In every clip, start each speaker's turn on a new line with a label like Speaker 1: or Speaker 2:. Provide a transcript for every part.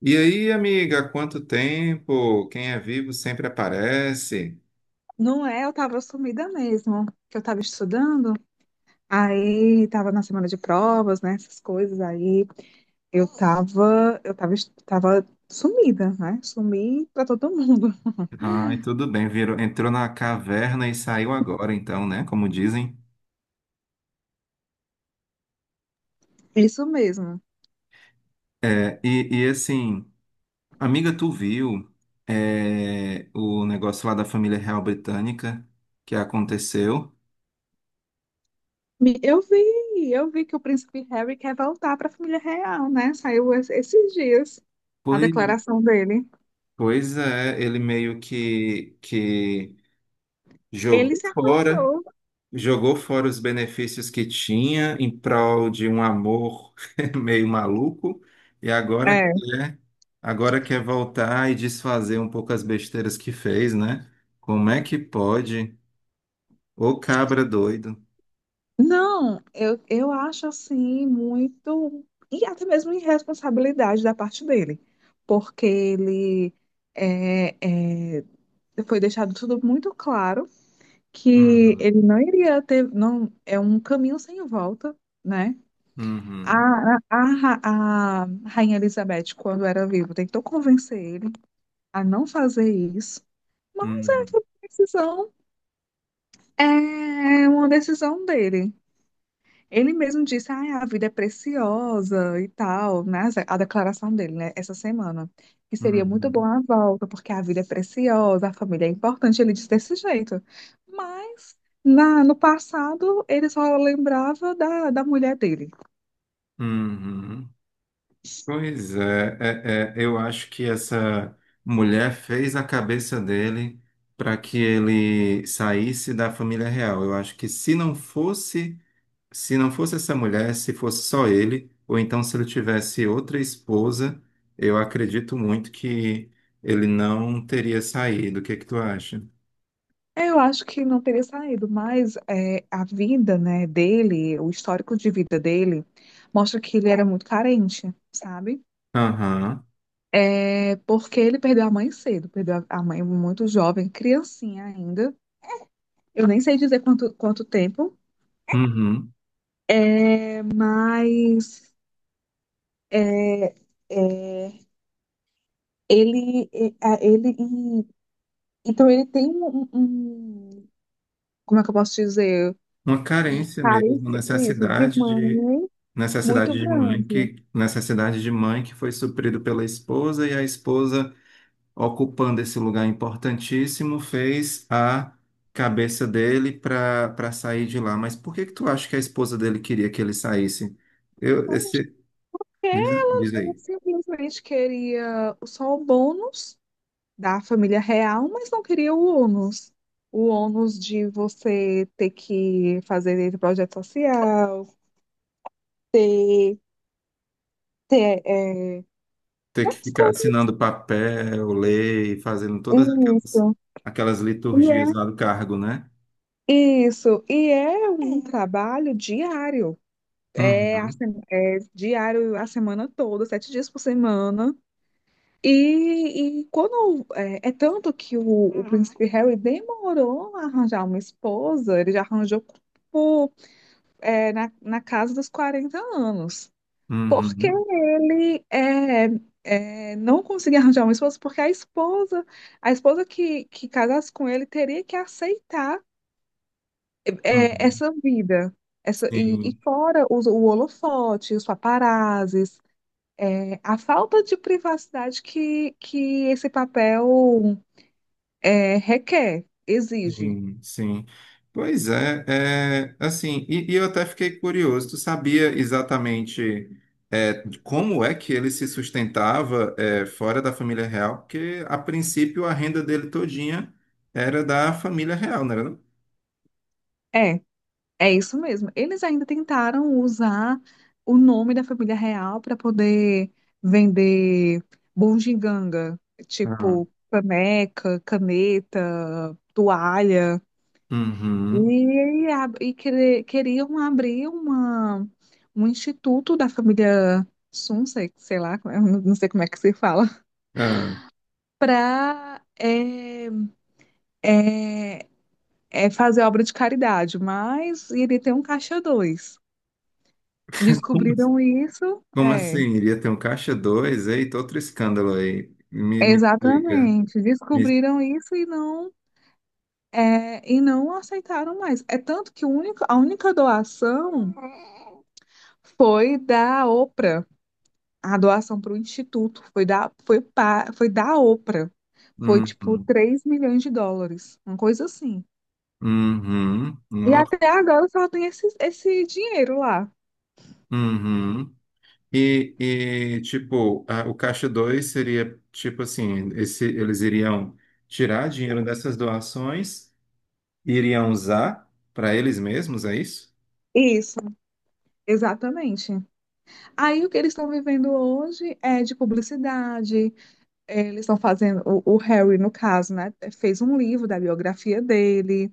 Speaker 1: E aí, amiga, há quanto tempo? Quem é vivo sempre aparece.
Speaker 2: Não é, eu tava sumida mesmo, que eu tava estudando, aí tava na semana de provas, né, essas coisas, aí tava sumida, né, sumi pra todo mundo,
Speaker 1: Ai, tudo bem, virou, entrou na caverna e saiu agora, então, né? Como dizem.
Speaker 2: isso mesmo.
Speaker 1: É, e assim, amiga, tu viu o negócio lá da família real britânica que aconteceu?
Speaker 2: Eu vi que o príncipe Harry quer voltar pra família real, né, saiu esses dias a
Speaker 1: Pois,
Speaker 2: declaração dele.
Speaker 1: pois é, ele meio que
Speaker 2: Ele
Speaker 1: jogou
Speaker 2: se
Speaker 1: fora.
Speaker 2: afastou.
Speaker 1: Jogou fora os benefícios que tinha em prol de um amor meio maluco e agora quer voltar e desfazer um pouco as besteiras que fez, né? Como é que pode? Ô cabra doido.
Speaker 2: Não, eu acho assim muito. E até mesmo irresponsabilidade da parte dele, porque ele é, é, foi deixado tudo muito claro que
Speaker 1: Uhum,
Speaker 2: ele não iria ter. Não, é um caminho sem volta, né? A,
Speaker 1: uhum,
Speaker 2: a, a, ra- a Rainha Elizabeth, quando era viva, tentou convencer ele a não fazer isso, mas essa
Speaker 1: uhum,
Speaker 2: decisão é uma decisão dele. Ele mesmo disse, ah, a vida é preciosa e tal, né? A declaração dele, né? Essa semana. Que seria muito bom
Speaker 1: uhum,
Speaker 2: a volta, porque a vida é preciosa, a família é importante. Ele disse desse jeito. Mas no passado, ele só lembrava da mulher dele.
Speaker 1: uhum. Pois é, eu acho que essa mulher fez a cabeça dele para que ele saísse da família real. Eu acho que se não fosse essa mulher, se fosse só ele, ou então se ele tivesse outra esposa, eu acredito muito que ele não teria saído. O que é que tu acha?
Speaker 2: Eu acho que não teria saído, mas é, a vida, né, dele, o histórico de vida dele, mostra que ele era muito carente, sabe?
Speaker 1: Aham.
Speaker 2: É porque ele perdeu a mãe cedo, perdeu a mãe muito jovem, criancinha ainda. Eu nem sei dizer quanto tempo,
Speaker 1: Uhum.
Speaker 2: é, mas é, é, ele, é, a- ele, e- então ele tem como é que eu posso dizer?
Speaker 1: Uma carência mesmo,
Speaker 2: Carência, isso, de
Speaker 1: necessidade de
Speaker 2: mãe muito
Speaker 1: mãe
Speaker 2: grande.
Speaker 1: que necessidade de mãe que foi suprido pela esposa e a esposa ocupando esse lugar importantíssimo, fez a cabeça dele para sair de lá. Mas por que que tu acha que a esposa dele queria que ele saísse? Eu, esse,
Speaker 2: É,
Speaker 1: diz
Speaker 2: Ele
Speaker 1: aí,
Speaker 2: simplesmente queria só o bônus da família real, mas não queria o ônus. O ônus de você ter que fazer esse projeto social, ter, ter, é,
Speaker 1: ter que
Speaker 2: as
Speaker 1: ficar
Speaker 2: coisas.
Speaker 1: assinando papel, lei, fazendo todas aquelas,
Speaker 2: Isso.
Speaker 1: aquelas
Speaker 2: E
Speaker 1: liturgias lá
Speaker 2: é-
Speaker 1: do cargo, né?
Speaker 2: Isso, e é um trabalho diário, é, a
Speaker 1: Uhum,
Speaker 2: se- é diário a semana toda, 7 dias por semana. E é tanto que o príncipe Harry demorou a arranjar uma esposa, ele já arranjou na casa dos 40 anos. Porque
Speaker 1: uhum,
Speaker 2: ele não conseguia arranjar uma esposa, porque a esposa que casasse com ele teria que aceitar
Speaker 1: uhum.
Speaker 2: essa vida. E
Speaker 1: Sim.
Speaker 2: fora o holofote, os paparazzis, a falta de privacidade que esse papel requer, exige.
Speaker 1: Sim, sim. Pois é, é assim, e eu até fiquei curioso, tu sabia exatamente como é que ele se sustentava fora da família real? Porque, a princípio, a renda dele todinha era da família real, não era não?
Speaker 2: É. É isso mesmo. Eles ainda tentaram usar o nome da família real para poder vender bugiganga,
Speaker 1: Ah,
Speaker 2: tipo caneca, caneta, toalha.
Speaker 1: uhum.
Speaker 2: E queriam abrir um instituto da família Sunsex, sei lá, como é- não sei como é que se fala,
Speaker 1: Ah,
Speaker 2: para é fazer obra de caridade, mas iria ter um caixa dois.
Speaker 1: como, assim,
Speaker 2: Descobriram isso,
Speaker 1: como assim? Iria ter um caixa dois? Eita, outro escândalo aí. Me explica.
Speaker 2: exatamente.
Speaker 1: Me-
Speaker 2: Descobriram isso e não aceitaram mais. É tanto que o único, a única doação foi da Oprah. A doação para o instituto foi da Oprah. Foi tipo
Speaker 1: uhum,
Speaker 2: US$ 3 milhões, uma coisa assim.
Speaker 1: uhum,
Speaker 2: E
Speaker 1: nossa,
Speaker 2: até agora só tem esse dinheiro lá.
Speaker 1: uhum. E, tipo, o Caixa 2 seria, tipo assim, esse, eles iriam tirar dinheiro dessas doações e iriam usar para eles mesmos, é isso?
Speaker 2: Isso, exatamente. Aí o que eles estão vivendo hoje é de publicidade. Eles estão fazendo, o Harry, no caso, né, fez um livro da biografia dele.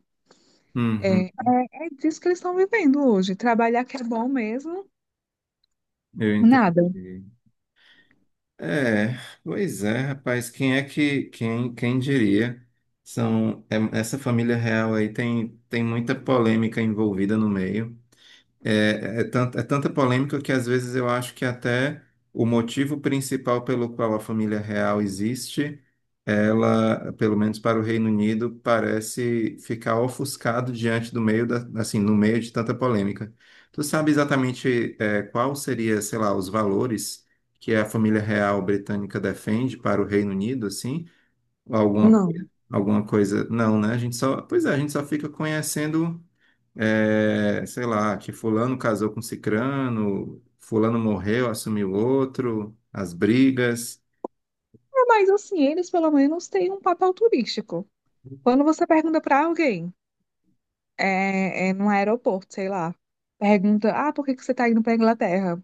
Speaker 2: É,
Speaker 1: Uhum,
Speaker 2: é disso que eles estão vivendo hoje. Trabalhar que é bom mesmo,
Speaker 1: eu
Speaker 2: nada.
Speaker 1: entendi. É, pois é, rapaz, quem diria? São, essa família real aí tem, muita polêmica envolvida no meio. É, é tanta polêmica que às vezes eu acho que até o motivo principal pelo qual a família real existe, ela, pelo menos para o Reino Unido, parece ficar ofuscado diante do meio da, assim, no meio de tanta polêmica. Tu sabe exatamente qual seria, sei lá, os valores que a família real britânica defende para o Reino Unido, assim? Alguma,
Speaker 2: Não.
Speaker 1: alguma coisa? Não, né? A gente só, pois é, a gente só fica conhecendo sei lá, que fulano casou com cicrano, fulano morreu, assumiu outro, as brigas.
Speaker 2: É, mas assim, eles pelo menos têm um papel turístico. Quando você pergunta para alguém, num aeroporto, sei lá, pergunta, ah, por que que você está indo para Inglaterra?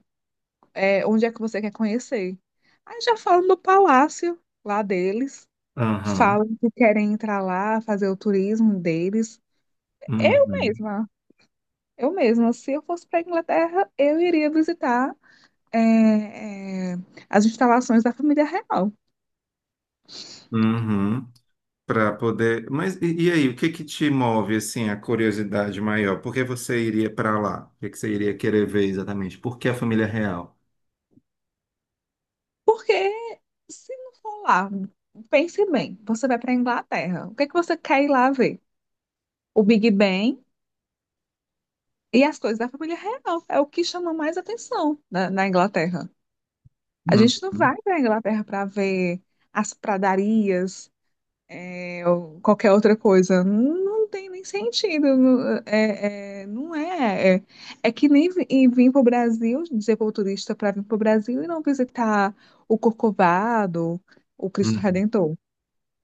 Speaker 2: Onde é que você quer conhecer? Aí já falam do palácio lá deles,
Speaker 1: Aham,
Speaker 2: falam que querem entrar lá, fazer o turismo deles. Eu
Speaker 1: uhum,
Speaker 2: mesma. Eu mesma, se eu fosse para a Inglaterra, eu iria visitar é, é, as instalações da família real.
Speaker 1: uhum, para poder. Mas e aí, o que que te move assim a curiosidade maior? Por que você iria para lá? O que que você iria querer ver exatamente? Por que a família real?
Speaker 2: Porque se não for lá, pense bem, você vai para a Inglaterra, o que é que você quer ir lá ver? O Big Ben e as coisas da família real. É o que chama mais atenção na Inglaterra. A gente não
Speaker 1: Uhum,
Speaker 2: vai para a Inglaterra para ver as pradarias, ou qualquer outra coisa. Não, não tem nem sentido. Não é. É que nem vir para o Brasil, dizer para o turista para vir para o Brasil e não visitar o Corcovado, o Cristo
Speaker 1: uhum.
Speaker 2: Redentor.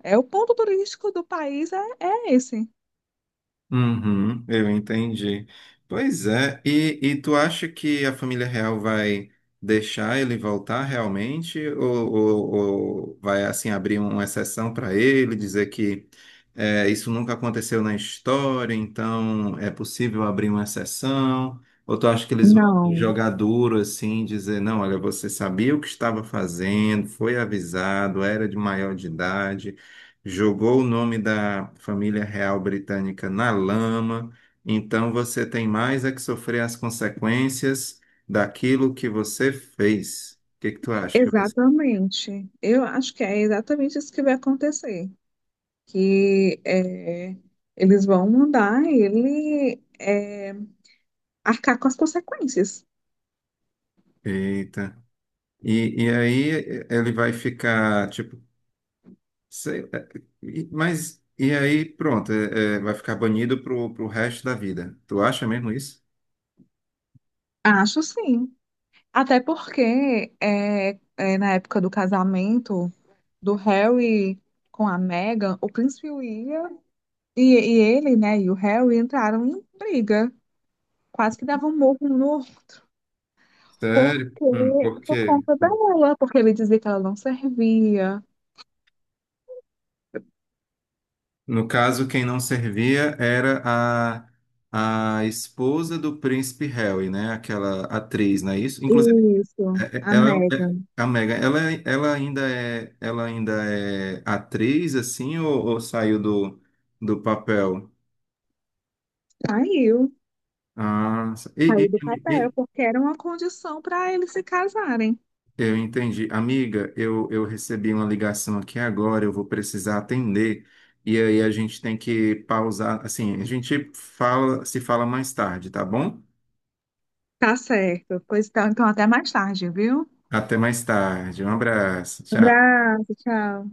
Speaker 2: É o ponto turístico do país, é esse.
Speaker 1: Uhum, eu entendi. Pois é, e tu acha que a família real vai deixar ele voltar realmente? Ou vai assim abrir uma exceção para ele, dizer que isso nunca aconteceu na história, então é possível abrir uma exceção? Ou tu acha que eles vão
Speaker 2: Não,
Speaker 1: jogar duro assim, dizer, não, olha, você sabia o que estava fazendo, foi avisado, era de maior de idade, jogou o nome da família real britânica na lama, então você tem mais é que sofrer as consequências daquilo que você fez. O que que tu acha que vai ser?
Speaker 2: exatamente. Eu acho que é exatamente isso que vai acontecer. Que é, Eles vão mandar ele arcar com as consequências.
Speaker 1: Eita. E aí, ele vai ficar, tipo, sei, mas, e aí pronto, vai ficar banido pro resto da vida. Tu acha mesmo isso?
Speaker 2: Acho sim. Até porque na época do casamento do Harry com a Meghan, o príncipe William e ele, né, e o Harry entraram em briga, quase que davam um murro um no outro,
Speaker 1: Sério?
Speaker 2: porque
Speaker 1: Por
Speaker 2: por
Speaker 1: quê?
Speaker 2: conta dela, porque ele dizia que ela não servia.
Speaker 1: No caso, quem não servia era a esposa do príncipe Harry, né? Aquela atriz, não é isso? Inclusive,
Speaker 2: Isso, a
Speaker 1: ela é um, é,
Speaker 2: Meghan
Speaker 1: a Meghan, ela ainda é atriz, assim, ou saiu do papel?
Speaker 2: saiu,
Speaker 1: Ah, e,
Speaker 2: saiu
Speaker 1: e-
Speaker 2: do papel,
Speaker 1: e-
Speaker 2: porque era uma condição para eles se casarem.
Speaker 1: eu entendi. Amiga, eu recebi uma ligação aqui agora, eu vou precisar atender. E aí a gente tem que pausar, assim, se fala mais tarde, tá bom?
Speaker 2: Tá certo. Pois então, então até mais tarde, viu?
Speaker 1: Até mais tarde. Um abraço. Tchau.
Speaker 2: Abraço, tchau.